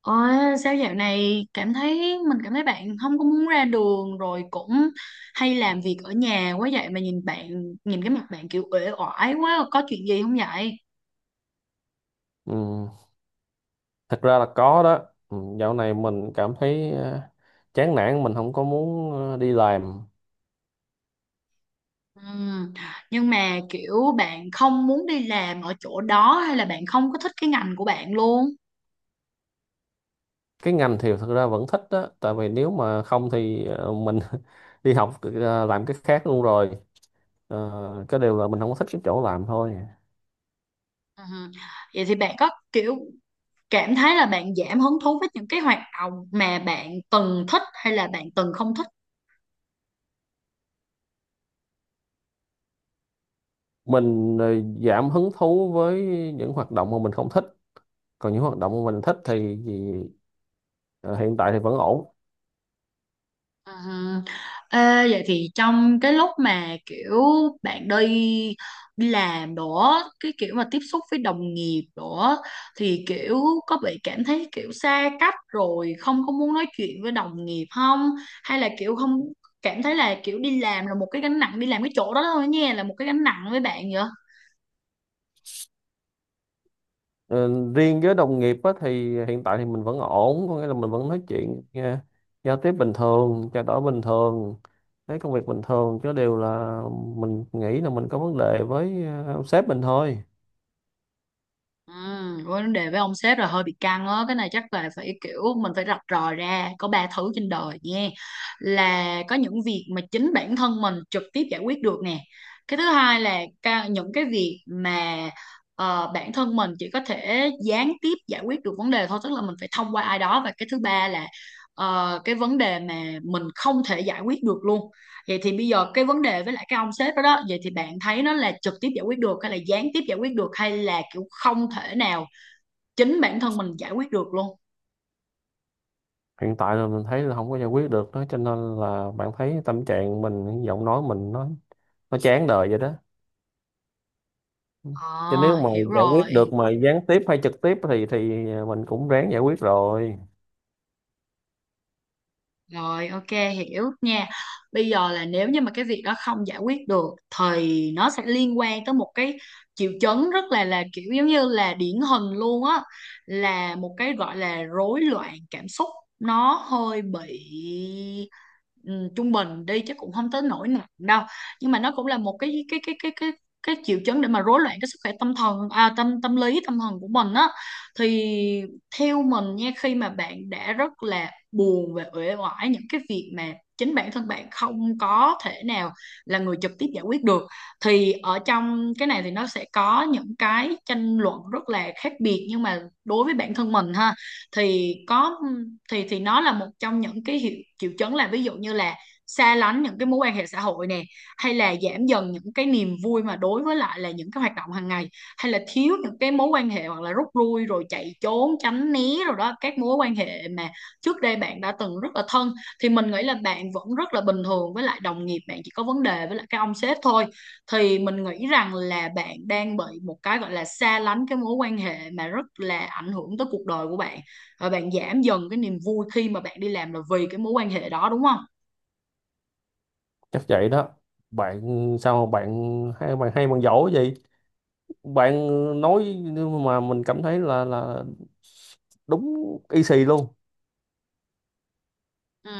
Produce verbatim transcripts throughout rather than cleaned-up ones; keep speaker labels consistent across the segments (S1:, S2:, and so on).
S1: Ờ, sao dạo này cảm thấy mình cảm thấy bạn không có muốn ra đường rồi cũng hay làm việc ở nhà quá vậy, mà nhìn bạn nhìn cái mặt bạn kiểu uể oải quá, có chuyện gì không vậy?
S2: Ừ, thật ra là có đó. Ừ, dạo này mình cảm thấy ờ, chán nản, mình không có muốn ờ, đi làm.
S1: Ừm, Nhưng mà kiểu bạn không muốn đi làm ở chỗ đó hay là bạn không có thích cái ngành của bạn luôn?
S2: Cái ngành thì thật ra vẫn thích đó, tại vì nếu mà không thì ờ, mình đi học ờ, làm cái khác luôn rồi. Ờ, cái điều là mình không có thích cái chỗ làm thôi.
S1: Ừm, Vậy thì bạn có kiểu cảm thấy là bạn giảm hứng thú với những cái hoạt động mà bạn từng thích hay là bạn từng không thích?
S2: Mình ờ, giảm hứng thú với những hoạt động mà mình không thích, còn những hoạt động mà mình thích thì, thì ờ, hiện tại thì vẫn ổn.
S1: Ừ. Ê, vậy thì trong cái lúc mà kiểu bạn đi đi làm đó, cái kiểu mà tiếp xúc với đồng nghiệp đó thì kiểu có bị cảm thấy kiểu xa cách rồi không có muốn nói chuyện với đồng nghiệp không, hay là kiểu không cảm thấy là kiểu đi làm là một cái gánh nặng, đi làm cái chỗ đó thôi nha, là một cái gánh nặng với bạn vậy?
S2: Ờ, riêng với đồng nghiệp á, thì hiện tại thì mình vẫn ổn, có nghĩa là mình vẫn nói chuyện nha, giao tiếp bình thường, trao đổi bình thường, thấy công việc bình thường, chứ đều là mình nghĩ là mình có vấn đề với ờ, sếp mình thôi.
S1: Ừ, với vấn đề với ông sếp là hơi bị căng á, cái này chắc là phải kiểu mình phải rạch ròi ra, có ba thứ trên đời nha. Là có những việc mà chính bản thân mình trực tiếp giải quyết được nè, cái thứ hai là ca- những cái việc mà ờ, bản thân mình chỉ có thể gián tiếp giải quyết được vấn đề thôi, tức là mình phải thông qua ai đó, và cái thứ ba là ờ, cái vấn đề mà mình không thể giải quyết được luôn. Vậy thì bây giờ cái vấn đề với lại cái ông sếp đó đó, vậy thì bạn thấy nó là trực tiếp giải quyết được hay là gián tiếp giải quyết được hay là kiểu không thể nào chính bản thân mình giải quyết được luôn?
S2: Hiện tại là mình thấy là không có giải quyết được đó, cho nên là bạn thấy tâm trạng mình, giọng nói mình nó nó chán đời vậy đó. Chứ nếu
S1: À,
S2: mà
S1: hiểu
S2: giải quyết
S1: rồi.
S2: được mà gián tiếp hay trực tiếp thì thì ờ, mình cũng ráng giải quyết rồi.
S1: Rồi, ok, hiểu nha. Bây giờ là nếu như mà cái việc đó không giải quyết được thì nó sẽ liên quan tới một cái triệu chứng rất là là kiểu giống như là điển hình luôn á, là một cái gọi là rối loạn cảm xúc, nó hơi bị ừ, trung bình đi chứ cũng không tới nỗi nặng đâu. Nhưng mà nó cũng là một cái cái cái cái cái cái triệu chứng để mà rối loạn cái sức khỏe tâm thần à, tâm tâm lý tâm thần của mình á, thì theo mình nha, khi mà bạn đã rất là buồn và uể oải những cái việc mà chính bản thân bạn không có thể nào là người trực tiếp giải quyết được, thì ở trong cái này thì nó sẽ có những cái tranh luận rất là khác biệt, nhưng mà đối với bản thân mình ha, thì có thì thì nó là một trong những cái hiệu triệu chứng, là ví dụ như là xa lánh những cái mối quan hệ xã hội nè, hay là giảm dần những cái niềm vui mà đối với lại là những cái hoạt động hàng ngày, hay là thiếu những cái mối quan hệ hoặc là rút lui rồi chạy trốn tránh né rồi đó các mối quan hệ mà trước đây bạn đã từng rất là thân, thì mình nghĩ là bạn vẫn rất là bình thường với lại đồng nghiệp, bạn chỉ có vấn đề với lại cái ông sếp thôi, thì mình nghĩ rằng là bạn đang bị một cái gọi là xa lánh cái mối quan hệ mà rất là ảnh hưởng tới cuộc đời của bạn, và bạn giảm dần cái niềm vui khi mà bạn đi làm là vì cái mối quan hệ đó, đúng không?
S2: Chắc vậy đó, bạn sao mà bạn hay bạn hay bạn giỏi gì bạn nói mà mình cảm thấy là là đúng y xì luôn.
S1: Ừ.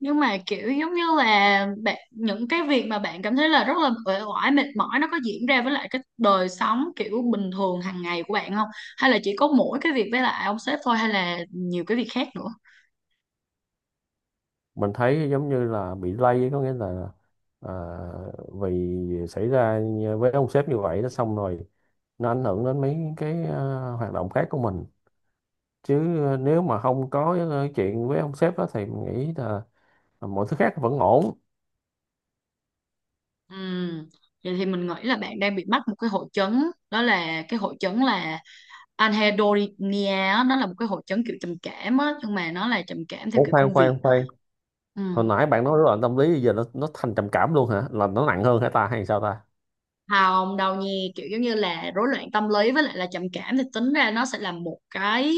S1: Nhưng mà kiểu giống như là bạn, những cái việc mà bạn cảm thấy là rất là uể oải mệt mỏi nó có diễn ra với lại cái đời sống kiểu bình thường hàng ngày của bạn không? Hay là chỉ có mỗi cái việc với lại ông sếp thôi hay là nhiều cái việc khác nữa?
S2: Mình thấy giống như là bị lây, có nghĩa là à, vì xảy ra với ông sếp như vậy, nó xong rồi nó ảnh hưởng đến mấy cái à, hoạt động khác của mình. Chứ nếu mà không có cái chuyện với ông sếp đó thì mình nghĩ là mọi thứ khác vẫn ổn.
S1: Ừ. Vậy thì mình nghĩ là bạn đang bị mắc một cái hội chứng, đó là cái hội chứng là anhedonia á, nó là một cái hội chứng kiểu trầm cảm á, nhưng mà nó là trầm cảm theo
S2: Ủa,
S1: kiểu
S2: khoan
S1: công việc.
S2: khoan khoan
S1: Ừ.
S2: hồi nãy bạn nói rối loạn tâm lý, giờ nó nó thành trầm cảm luôn hả, là nó nặng hơn hả ta, hay sao ta?
S1: Hồng đâu nhi kiểu giống như là rối loạn tâm lý với lại là trầm cảm thì tính ra nó sẽ là một cái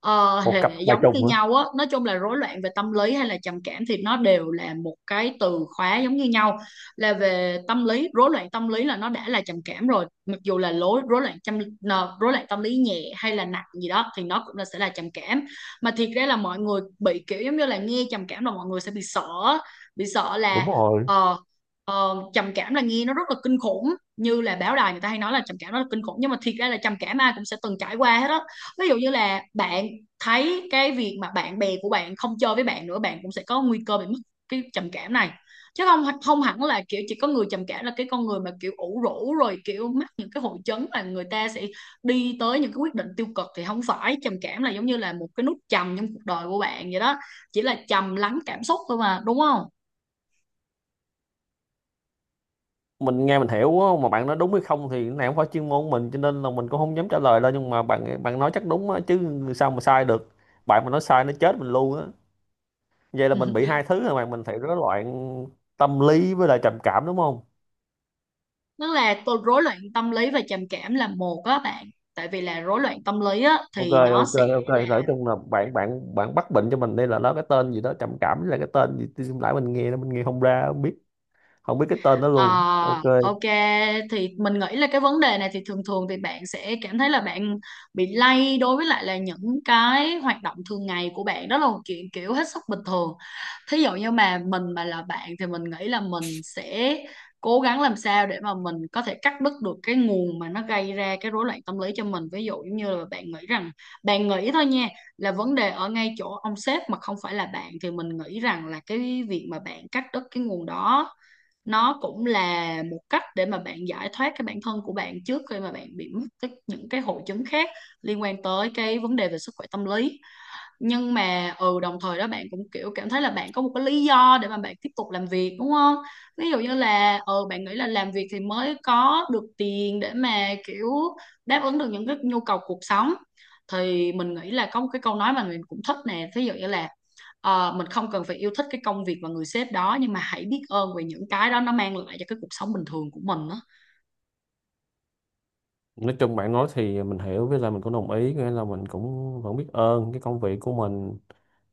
S1: ờ,
S2: Một cặp
S1: hệ
S2: ba
S1: giống như
S2: trùng hả?
S1: nhau á, nói chung là rối loạn về tâm lý hay là trầm cảm thì nó đều là một cái từ khóa giống như nhau, là về tâm lý, rối loạn tâm lý là nó đã là trầm cảm rồi, mặc dù là lối rối loạn tâm nờ, rối loạn tâm lý nhẹ hay là nặng gì đó thì nó cũng là sẽ là trầm cảm, mà thiệt ra là mọi người bị kiểu giống như là nghe trầm cảm là mọi người sẽ bị sợ á. Bị sợ là
S2: Đúng rồi.
S1: ờ, Ờ, trầm cảm là nghe nó rất là kinh khủng, như là báo đài người ta hay nói là trầm cảm nó là kinh khủng, nhưng mà thiệt ra là trầm cảm ai cũng sẽ từng trải qua hết đó, ví dụ như là bạn thấy cái việc mà bạn bè của bạn không chơi với bạn nữa, bạn cũng sẽ có nguy cơ bị mất cái trầm cảm này, chứ không không hẳn là kiểu chỉ có người trầm cảm là cái con người mà kiểu ủ rũ rồi kiểu mắc những cái hội chứng là người ta sẽ đi tới những cái quyết định tiêu cực, thì không phải trầm cảm là giống như là một cái nút trầm trong cuộc đời của bạn vậy đó, chỉ là trầm lắng cảm xúc thôi mà, đúng không?
S2: Mình nghe mình hiểu á, mà bạn nói đúng hay không thì cái này không phải chuyên môn của mình, cho nên là mình cũng không dám trả lời đâu. Nhưng mà bạn bạn nói chắc đúng á, chứ sao mà sai được. Bạn mà nói sai nó chết mình luôn á. Vậy là mình bị hai thứ rồi, mà mình phải rối loạn tâm lý với lại trầm cảm đúng không?
S1: Tức là tô- rối loạn tâm lý và trầm cảm là một á bạn, tại vì là rối loạn tâm lý á
S2: ok
S1: thì nó
S2: ok
S1: sẽ
S2: ok nói
S1: là
S2: chung là bạn bạn bạn bắt bệnh cho mình đây, là nó cái tên gì đó, trầm cảm với lại cái tên gì, tôi lại mình nghe nó, mình nghe không ra không biết, không biết cái tên đó
S1: ờ,
S2: luôn. Ok.
S1: ok. Thì mình nghĩ là cái vấn đề này thì thường thường thì bạn sẽ cảm thấy là bạn bị lay đối với lại là những cái hoạt động thường ngày của bạn, đó là một chuyện kiểu hết sức bình thường. Thí dụ như mà mình mà là bạn thì mình nghĩ là mình sẽ cố gắng làm sao để mà mình có thể cắt đứt được cái nguồn mà nó gây ra cái rối loạn tâm lý cho mình, ví dụ giống như là bạn nghĩ rằng, bạn nghĩ thôi nha, là vấn đề ở ngay chỗ ông sếp mà không phải là bạn, thì mình nghĩ rằng là cái việc mà bạn cắt đứt cái nguồn đó, nó cũng là một cách để mà bạn giải thoát cái bản thân của bạn trước khi mà bạn bị mắc cái- những cái hội chứng khác liên quan tới cái vấn đề về sức khỏe tâm lý, nhưng mà ừ đồng thời đó bạn cũng kiểu cảm thấy là bạn có một cái lý do để mà bạn tiếp tục làm việc, đúng không? Ví dụ như là ừ bạn nghĩ là làm việc thì mới có được tiền để mà kiểu đáp ứng được những cái nhu cầu cuộc sống, thì mình nghĩ là có một cái câu nói mà mình cũng thích nè, ví dụ như là ờ, mình không cần phải yêu thích cái công việc và người sếp đó, nhưng mà hãy biết ơn về những cái đó nó mang lại cho cái cuộc sống bình thường của mình đó.
S2: Nói chung bạn nói thì mình hiểu, với lại mình cũng đồng ý, nghĩa là mình cũng vẫn biết ơn cái công việc của mình,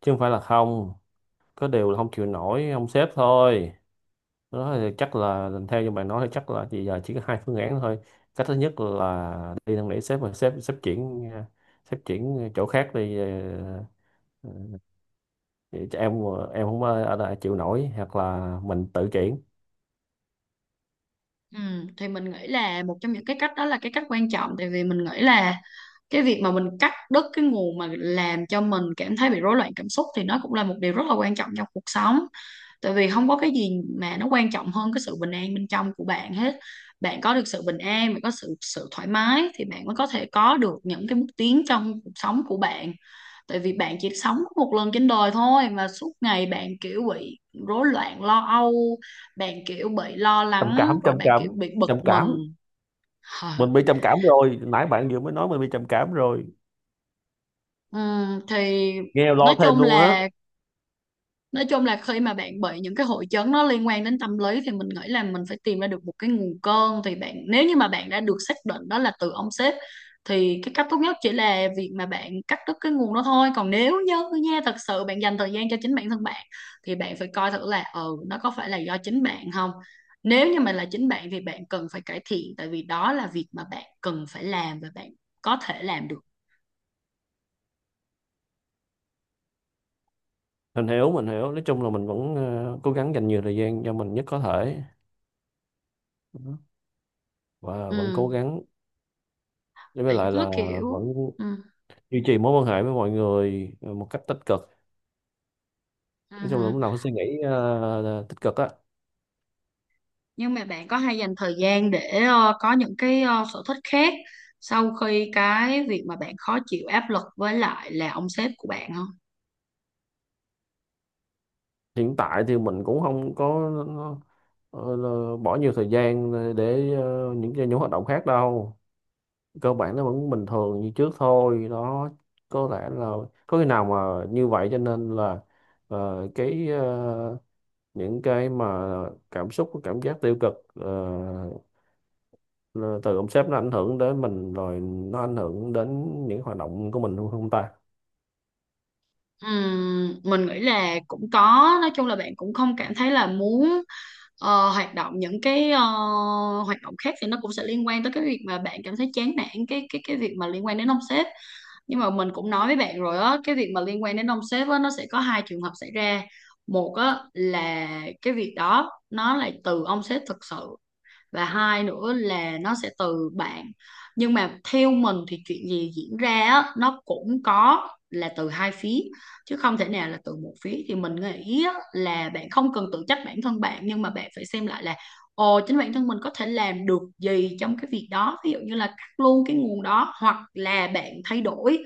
S2: chứ không phải là không. Có điều là không chịu nổi ông sếp thôi đó. Thì chắc là theo như bạn nói thì chắc là thì giờ chỉ có hai phương án thôi. Cách thứ nhất là đi năn nỉ sếp, mà sếp, sếp chuyển ờ, sếp chuyển chỗ khác đi, ờ, ờ, cho em em không ờ, ở lại chịu nổi, hoặc là mình tự chuyển.
S1: Ừ, thì mình nghĩ là một trong những cái cách đó là cái cách quan trọng, tại vì mình nghĩ là cái việc mà mình cắt đứt cái nguồn mà làm cho mình cảm thấy bị rối loạn cảm xúc thì nó cũng là một điều rất là quan trọng trong cuộc sống, tại vì không có cái gì mà nó quan trọng hơn cái sự bình an bên trong của bạn hết. Bạn có được sự bình an, bạn có sự sự thoải mái thì bạn mới có thể có được những cái bước tiến trong cuộc sống của bạn, tại vì bạn chỉ sống một lần trên đời thôi mà suốt ngày bạn kiểu bị rối loạn lo âu, bạn kiểu bị lo
S2: Trầm
S1: lắng
S2: cảm,
S1: rồi
S2: trầm
S1: bạn kiểu
S2: cảm,
S1: bị bực
S2: trầm cảm,
S1: mình.
S2: mình bị trầm cảm rồi, nãy bạn vừa mới nói mình bị trầm cảm rồi,
S1: Ừm, thì
S2: nghe
S1: nói
S2: lo thêm
S1: chung
S2: luôn á.
S1: là nói chung là khi mà bạn bị những cái hội chứng nó liên quan đến tâm lý thì mình nghĩ là mình phải tìm ra được một cái nguồn cơn, thì bạn nếu như mà bạn đã được xác định đó là từ ông sếp thì cái cách tốt nhất chỉ là việc mà bạn cắt đứt cái nguồn đó thôi, còn nếu như nha, thật sự bạn dành thời gian cho chính bản thân bạn thì bạn phải coi thử là ừ nó có phải là do chính bạn không. Nếu như mà là chính bạn thì bạn cần phải cải thiện, tại vì đó là việc mà bạn cần phải làm và bạn có thể làm được.
S2: Mình hiểu mình hiểu nói chung là mình vẫn ờ, cố gắng dành nhiều thời gian cho mình nhất có thể. Đó. Và vẫn cố
S1: Ừ.
S2: gắng đối với
S1: Bạn
S2: lại
S1: có
S2: là
S1: kiểu.
S2: vẫn
S1: Ừ.
S2: duy trì mối quan hệ với mọi người ờ, một cách tích cực.
S1: Ừ.
S2: Nói chung là lúc nào cũng suy nghĩ ờ, tích cực á.
S1: Nhưng mà bạn có hay dành thời gian để ờ, có những cái ờ, sở thích khác sau khi cái việc mà bạn khó chịu áp lực với lại là ông sếp của bạn không?
S2: Hiện tại thì mình cũng không có ờ, là bỏ nhiều thời gian để ờ, những cái những hoạt động khác đâu, cơ bản nó vẫn bình thường như trước thôi đó. Có lẽ là có khi nào mà như vậy cho nên là ờ, cái ờ, những cái mà cảm xúc, cảm giác tiêu cực ờ, từ ông sếp nó ảnh hưởng đến mình rồi nó ảnh hưởng đến những hoạt động của mình luôn không ta?
S1: Ừm, mình nghĩ là cũng có, nói chung là bạn cũng không cảm thấy là muốn ờ, hoạt động những cái ờ, hoạt động khác thì nó cũng sẽ liên quan tới cái việc mà bạn cảm thấy chán nản cái cái cái việc mà liên quan đến ông sếp, nhưng mà mình cũng nói với bạn rồi á, cái việc mà liên quan đến ông sếp á nó sẽ có hai trường hợp xảy ra. Một á là cái việc đó nó là từ ông sếp thực sự, và hai nữa là nó sẽ từ bạn, nhưng mà theo mình thì chuyện gì diễn ra á, nó cũng có là từ hai phía chứ không thể nào là từ một phía, thì mình nghĩ á, là bạn không cần tự trách bản thân bạn, nhưng mà bạn phải xem lại là ồ, chính bản thân mình có thể làm được gì trong cái việc đó, ví dụ như là cắt luôn cái nguồn đó hoặc là bạn thay đổi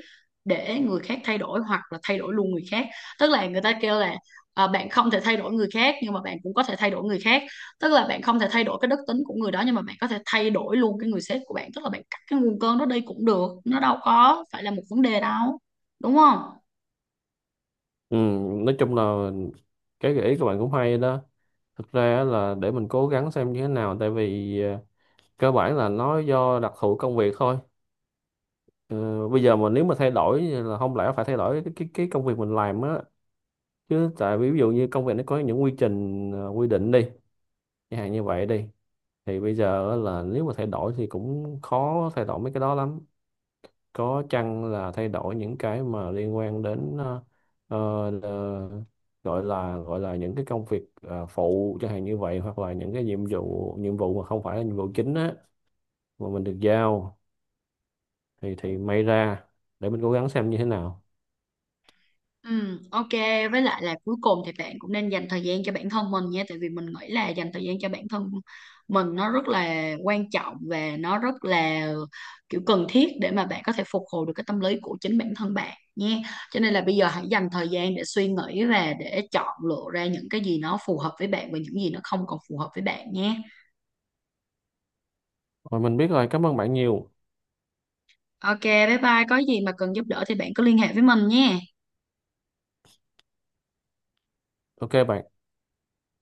S1: để người khác thay đổi hoặc là thay đổi luôn người khác. Tức là người ta kêu là à, bạn không thể thay đổi người khác nhưng mà bạn cũng có thể thay đổi người khác, tức là bạn không thể thay đổi cái đức tính của người đó, nhưng mà bạn có thể thay đổi luôn cái người sếp của bạn, tức là bạn cắt cái nguồn cơn đó đi cũng được, nó đâu có phải là một vấn đề đâu, đúng không?
S2: Ừ, nói chung là cái gợi ý của bạn cũng hay đó. Thực ra là để mình cố gắng xem như thế nào, tại vì ờ, cơ bản là nó do đặc thù công việc thôi. Ờ, bây giờ mà nếu mà thay đổi là không lẽ phải thay đổi cái cái, cái công việc mình làm á chứ, tại vì ví dụ như công việc nó có những quy trình ờ, quy định đi, chẳng hạn như vậy đi, thì bây giờ á, là nếu mà thay đổi thì cũng khó thay đổi mấy cái đó lắm. Có chăng là thay đổi những cái mà liên quan đến ờ, ờ, ờ, gọi là gọi là những cái công việc ờ, phụ, chẳng hạn như vậy, hoặc là những cái nhiệm vụ nhiệm vụ mà không phải là nhiệm vụ chính á mà mình được giao, thì thì may ra, để mình cố gắng xem như thế nào.
S1: Ừ, ok, với lại là cuối cùng thì bạn cũng nên dành thời gian cho bản thân mình nha, tại vì mình nghĩ là dành thời gian cho bản thân mình nó rất là quan trọng và nó rất là kiểu cần thiết để mà bạn có thể phục hồi được cái tâm lý của chính bản thân bạn nha, cho nên là bây giờ hãy dành thời gian để suy nghĩ và để chọn lựa ra những cái gì nó phù hợp với bạn và những gì nó không còn phù hợp với bạn nhé.
S2: Rồi mình biết rồi, cảm ơn bạn nhiều.
S1: Ok, bye bye, có gì mà cần giúp đỡ thì bạn cứ liên hệ với mình nhé.
S2: Ok bạn.